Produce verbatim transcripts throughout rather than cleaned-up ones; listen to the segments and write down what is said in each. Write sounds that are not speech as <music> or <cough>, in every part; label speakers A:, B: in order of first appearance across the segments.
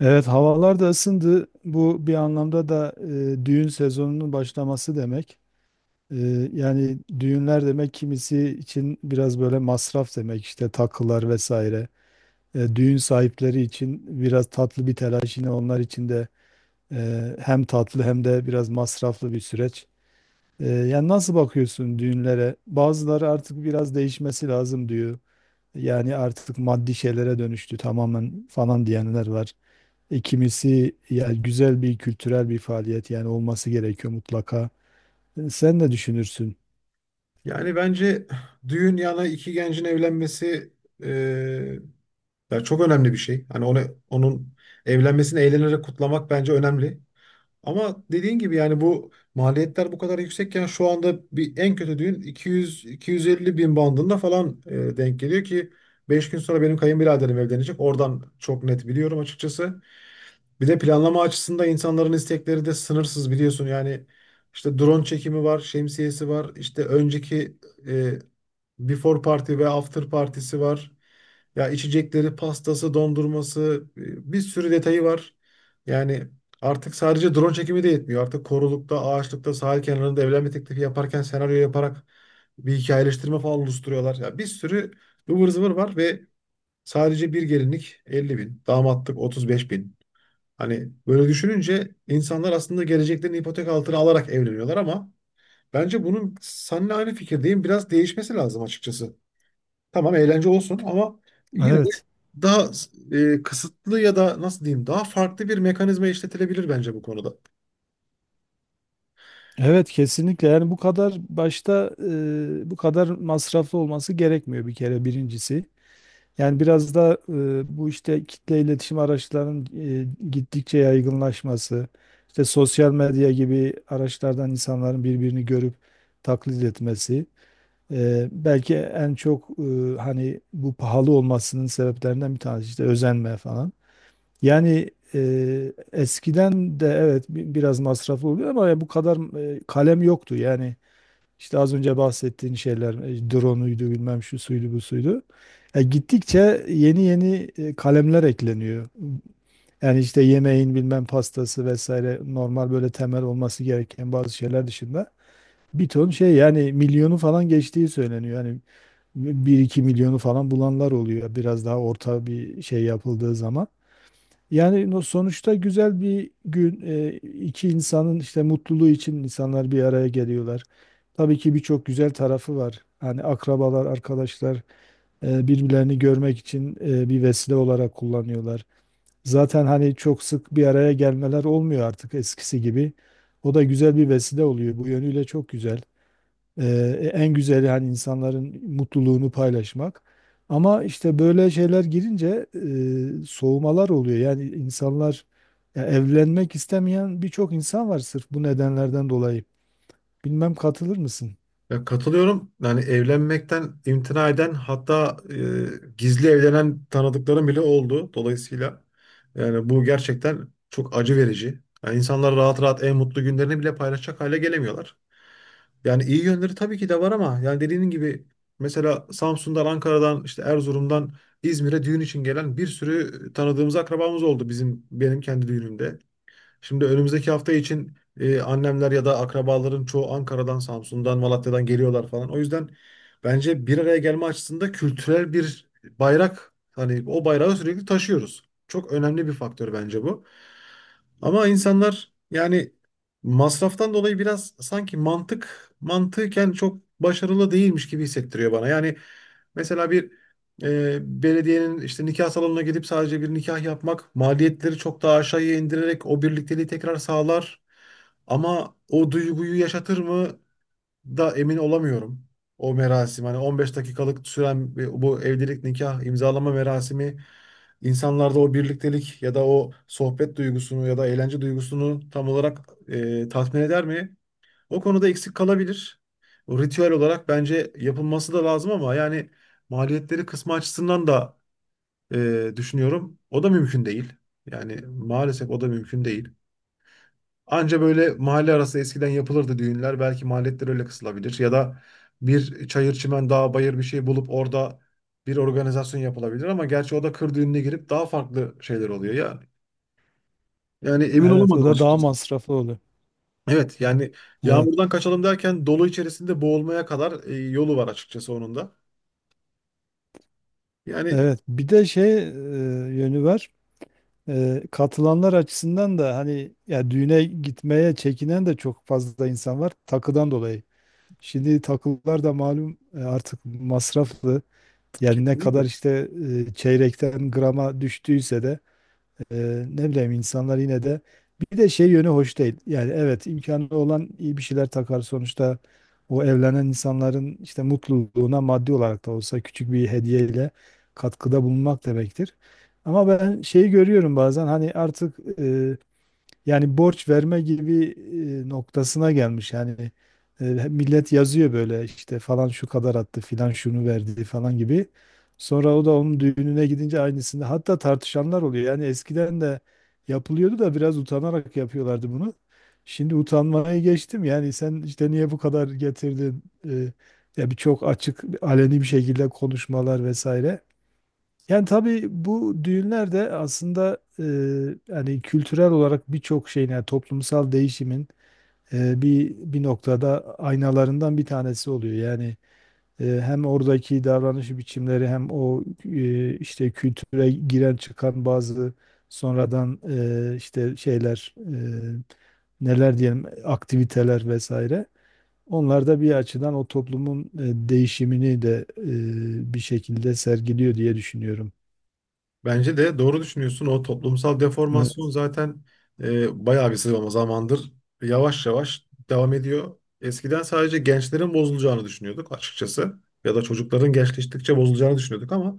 A: Evet, havalar da ısındı. Bu bir anlamda da e, düğün sezonunun başlaması demek. E, yani düğünler demek kimisi için biraz böyle masraf demek işte takılar vesaire. E, düğün sahipleri için biraz tatlı bir telaş yine onlar için de e, hem tatlı hem de biraz masraflı bir süreç. E, yani nasıl bakıyorsun düğünlere? Bazıları artık biraz değişmesi lazım diyor. Yani artık maddi şeylere dönüştü tamamen falan diyenler var. E, Kimisi ya güzel bir kültürel bir faaliyet yani olması gerekiyor mutlaka. E, Sen ne düşünürsün?
B: Yani bence düğün yana iki gencin evlenmesi eee, ya çok önemli bir şey. Hani onu, onun evlenmesini eğlenerek kutlamak bence önemli. Ama dediğin gibi yani bu maliyetler bu kadar yüksekken şu anda bir en kötü düğün iki yüz iki yüz elli bin bandında falan eee, denk geliyor ki beş gün sonra benim kayınbiraderim evlenecek. Oradan çok net biliyorum açıkçası. Bir de planlama açısında insanların istekleri de sınırsız biliyorsun. Yani işte drone çekimi var, şemsiyesi var, işte önceki e, Before party ve after partisi var. Ya içecekleri, pastası, dondurması e, bir sürü detayı var. Yani artık sadece drone çekimi de yetmiyor. Artık korulukta, ağaçlıkta, sahil kenarında evlenme teklifi yaparken senaryo yaparak bir hikayeleştirme falan oluşturuyorlar. Ya bir sürü ıvır zıvır var ve sadece bir gelinlik elli bin, damatlık otuz beş bin. Hani böyle düşününce insanlar aslında geleceklerini ipotek altına alarak evleniyorlar ama bence bunun seninle aynı fikirdeyim. Biraz değişmesi lazım açıkçası. Tamam eğlence olsun ama yine de
A: Evet.
B: daha e, kısıtlı ya da nasıl diyeyim daha farklı bir mekanizma işletilebilir bence bu konuda.
A: Evet, kesinlikle yani bu kadar başta e, bu kadar masraflı olması gerekmiyor bir kere birincisi. Yani biraz da e, bu işte kitle iletişim araçlarının e, gittikçe yaygınlaşması, işte sosyal medya gibi araçlardan insanların birbirini görüp taklit etmesi. Eee, belki en çok eee, hani bu pahalı olmasının sebeplerinden bir tanesi işte özenme falan. Yani eee, eskiden de evet bi- biraz masraflı oluyor ama bu kadar eee, kalem yoktu. Yani işte az önce bahsettiğin şeyler e, drone'uydu bilmem şu suydu bu suydu. E, gittikçe yeni yeni e, kalemler ekleniyor. Yani işte yemeğin bilmem pastası vesaire normal böyle temel olması gereken bazı şeyler dışında bir ton şey yani milyonu falan geçtiği söyleniyor. Yani bir iki milyonu falan bulanlar oluyor. Biraz daha orta bir şey yapıldığı zaman. Yani no- sonuçta güzel bir gün, e, iki insanın işte mutluluğu için insanlar bir araya geliyorlar. Tabii ki birçok güzel tarafı var. Hani akrabalar, arkadaşlar e, birbirlerini görmek için e, bir vesile olarak kullanıyorlar. Zaten hani çok sık bir araya gelmeler olmuyor artık eskisi gibi. O da güzel bir vesile oluyor. Bu yönüyle çok güzel. Ee, en güzeli hani insanların mutluluğunu paylaşmak. Ama işte böyle şeyler girince e, soğumalar oluyor. Yani insanlar ya evlenmek istemeyen birçok insan var sırf bu nedenlerden dolayı. Bilmem katılır mısın?
B: Ya katılıyorum. Yani evlenmekten imtina eden hatta e, gizli evlenen tanıdıklarım bile oldu. Dolayısıyla yani bu gerçekten çok acı verici. Yani insanlar rahat rahat en mutlu günlerini bile paylaşacak hale gelemiyorlar. Yani iyi yönleri tabii ki de var ama yani dediğin gibi mesela Samsun'dan, Ankara'dan, işte Erzurum'dan İzmir'e düğün için gelen bir sürü tanıdığımız akrabamız oldu bizim benim kendi düğünümde. Şimdi önümüzdeki hafta için e, annemler ya da akrabaların çoğu Ankara'dan, Samsun'dan, Malatya'dan geliyorlar falan. O yüzden bence bir araya gelme açısında kültürel bir bayrak hani o bayrağı sürekli taşıyoruz. Çok önemli bir faktör bence bu. Ama insanlar yani masraftan dolayı biraz sanki mantık mantıken çok başarılı değilmiş gibi hissettiriyor bana. Yani mesela bir e, belediyenin işte nikah salonuna gidip sadece bir nikah yapmak maliyetleri çok daha aşağıya indirerek o birlikteliği tekrar sağlar. Ama o duyguyu yaşatır mı da emin olamıyorum. O merasim hani on beş dakikalık süren bir- bu evlilik nikah imzalama merasimi insanlarda o birliktelik ya da o sohbet duygusunu ya da eğlence duygusunu tam olarak e, tatmin eder mi? O konuda eksik kalabilir. O ritüel olarak bence yapılması da lazım ama yani maliyetleri kısmı açısından da e, düşünüyorum. O da mümkün değil. Yani maalesef o da mümkün değil. Anca böyle mahalle arası eskiden yapılırdı düğünler. Belki maliyetler öyle kısılabilir. Ya da bir çayır çimen dağ bayır bir şey bulup orada bir organizasyon yapılabilir ama gerçi o da kır düğününe girip daha farklı şeyler oluyor ya. Yani emin
A: Evet, o
B: olamadım
A: da daha
B: açıkçası.
A: masraflı oluyor.
B: Evet yani
A: Evet,
B: yağmurdan kaçalım derken dolu içerisinde boğulmaya kadar e, yolu var açıkçası onun da. Yani
A: evet. Bir de şey e, yönü var. E, katılanlar açısından da hani ya düğüne gitmeye çekinen de çok fazla insan var takıdan dolayı. Şimdi takılar da malum e, artık masraflı. Yani ne kadar
B: kesinlikle.
A: işte e, çeyrekten grama düştüyse de e, ne bileyim insanlar yine de bir de şey yönü hoş değil. Yani evet imkanı olan iyi bir şeyler takar sonuçta o evlenen insanların işte mutluluğuna maddi olarak da olsa küçük bir hediyeyle katkıda bulunmak demektir. Ama ben şeyi görüyorum bazen hani artık e, yani borç verme gibi e, noktasına gelmiş. Yani e, millet yazıyor böyle işte falan şu kadar attı filan şunu verdi falan gibi. Sonra o da onun düğününe gidince aynısını hatta tartışanlar oluyor. Yani eskiden de yapılıyordu da biraz utanarak yapıyorlardı bunu. Şimdi utanmayı geçtim. Yani sen işte niye bu kadar getirdin? E, Ya bir çok açık aleni bir şekilde konuşmalar vesaire. Yani tabii bu düğünler de aslında, e, hani kültürel olarak birçok şeyin yani toplumsal değişimin e, bir bir noktada aynalarından bir tanesi oluyor. Yani e, hem oradaki davranış biçimleri hem o e, işte kültüre giren çıkan bazı sonradan e, işte şeyler, e, neler diyelim aktiviteler vesaire. Onlar da bir açıdan o toplumun e, değişimini de e, bir şekilde sergiliyor diye düşünüyorum.
B: Bence de doğru düşünüyorsun. O toplumsal deformasyon
A: Evet.
B: zaten e, bayağı bir sıralama zamandır yavaş yavaş devam ediyor. Eskiden sadece gençlerin bozulacağını düşünüyorduk açıkçası. Ya da çocukların gençleştikçe bozulacağını düşünüyorduk ama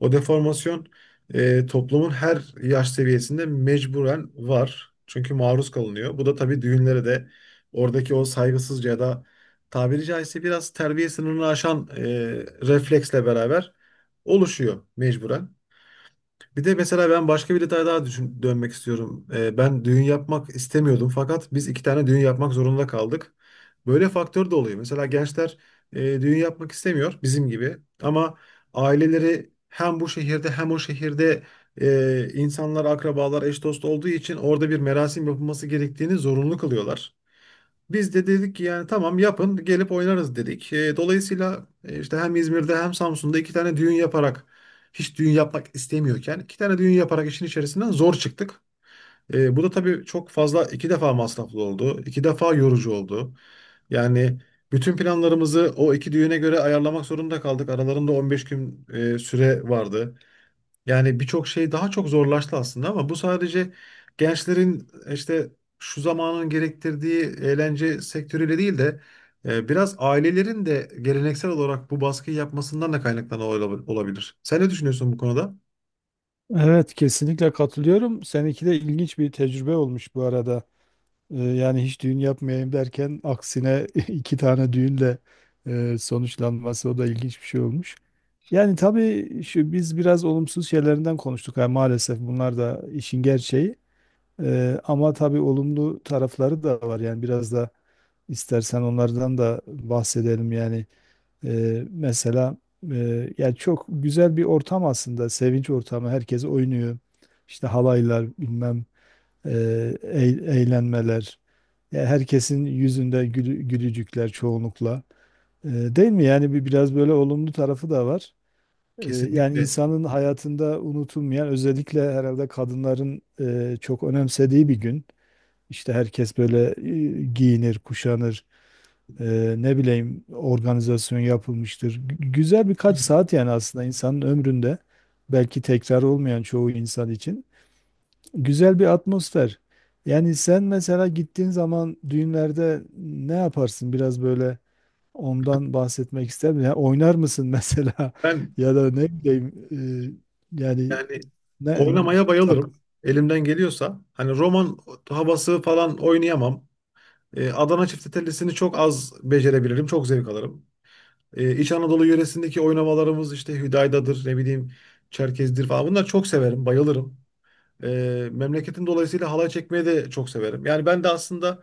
B: o deformasyon e, toplumun her yaş seviyesinde mecburen var. Çünkü maruz kalınıyor. Bu da tabii düğünlere de oradaki o saygısızca ya da tabiri caizse biraz terbiye sınırını aşan e, refleksle beraber oluşuyor mecburen. Bir de mesela ben başka bir detay daha düşün, dönmek istiyorum. Ee, ben düğün yapmak istemiyordum fakat biz iki tane düğün yapmak zorunda kaldık. Böyle faktör de oluyor. Mesela gençler e, düğün yapmak istemiyor bizim gibi ama aileleri hem bu şehirde hem o şehirde e, insanlar, akrabalar, eş dost olduğu için orada bir merasim yapılması gerektiğini zorunlu kılıyorlar. Biz de dedik ki yani tamam yapın gelip oynarız dedik. E, dolayısıyla e, işte hem İzmir'de hem Samsun'da iki tane düğün yaparak hiç düğün yapmak istemiyorken iki tane düğün yaparak işin içerisinden zor çıktık. E, bu da tabii çok fazla iki defa masraflı oldu. İki defa yorucu oldu. Yani bütün planlarımızı o iki düğüne göre ayarlamak zorunda kaldık. Aralarında on beş gün e, süre vardı. Yani birçok şey daha çok zorlaştı aslında ama bu sadece gençlerin işte şu zamanın gerektirdiği eğlence sektörüyle değil de e, biraz ailelerin de geleneksel olarak bu baskıyı yapmasından da kaynaklanan ola- olabilir. Sen ne düşünüyorsun bu konuda?
A: Evet, kesinlikle katılıyorum. Seninki de ilginç bir tecrübe olmuş bu arada. Ee, yani hiç düğün yapmayayım derken aksine <laughs> iki tane düğünle e, sonuçlanması o da ilginç bir şey olmuş. Yani tabii şu biz biraz olumsuz şeylerinden konuştuk. Yani maalesef bunlar da işin gerçeği. Ee, ama tabii olumlu tarafları da var. Yani biraz da istersen onlardan da bahsedelim yani. Ee, mesela e, yani çok güzel bir ortam aslında. Sevinç ortamı. Herkes oynuyor. İşte halaylar bilmem, e, eğ- eğlenmeler. Ya herkesin yüzünde gülü- gülücükler çoğunlukla. Ee, Değil mi? Yani bir biraz böyle olumlu tarafı da var. Ee, yani
B: Kesinlikle.
A: insanın hayatında unutulmayan özellikle herhalde kadınların e, çok önemsediği bir gün. İşte herkes böyle e, giyinir, kuşanır. Eee, ne bileyim organizasyon yapılmıştır. Gü- Güzel birkaç saat yani aslında insanın ömründe belki tekrar olmayan çoğu insan için güzel bir atmosfer. Yani sen mesela gittiğin zaman düğünlerde ne yaparsın? Biraz böyle ondan bahsetmek ister misin? Yani oynar mısın <laughs> mesela
B: Ben
A: ya da ne bileyim eee, yani
B: yani
A: ne,
B: oynamaya
A: tak,
B: bayılırım. Elimden geliyorsa. Hani roman havası falan oynayamam. E, Adana çiftetellisini çok az becerebilirim. Çok zevk alırım. E, İç Anadolu yöresindeki oynamalarımız işte Hüdayda'dır, ne bileyim Çerkez'dir falan. Bunları çok severim, bayılırım. E, memleketim dolayısıyla halay çekmeyi de çok severim. Yani ben de aslında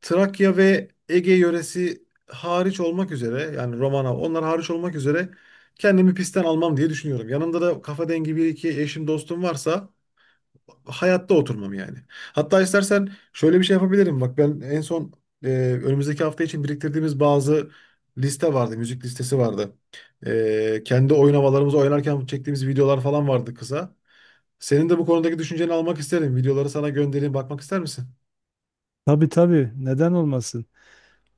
B: Trakya ve Ege yöresi hariç olmak üzere yani Romana onlar hariç olmak üzere kendimi pistten almam diye düşünüyorum. Yanımda da kafa dengi bir iki eşim dostum varsa hayatta oturmam yani. Hatta istersen şöyle bir şey yapabilirim. Bak ben en son e, önümüzdeki hafta için biriktirdiğimiz bazı liste vardı. Müzik listesi vardı. E, kendi oynamalarımızı oynarken çektiğimiz videolar falan vardı kısa. Senin de bu konudaki düşünceni almak isterim. Videoları sana göndereyim. Bakmak ister misin?
A: tabii tabii, neden olmasın?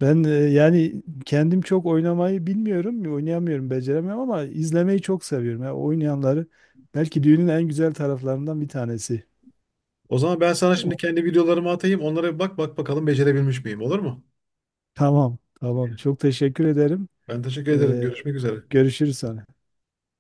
A: Ben e, yani kendim çok oynamayı bilmiyorum, oynayamıyorum, beceremiyorum ama izlemeyi çok seviyorum. Yani oynayanları belki düğünün en güzel taraflarından bir tanesi.
B: O zaman ben sana şimdi
A: O-
B: kendi videolarımı atayım. Onlara bir bak bak bakalım becerebilmiş miyim? Olur mu?
A: Tamam, tamam. Çok teşekkür ederim.
B: Ben teşekkür ederim.
A: Ee,
B: Görüşmek üzere.
A: Görüşürüz sonra.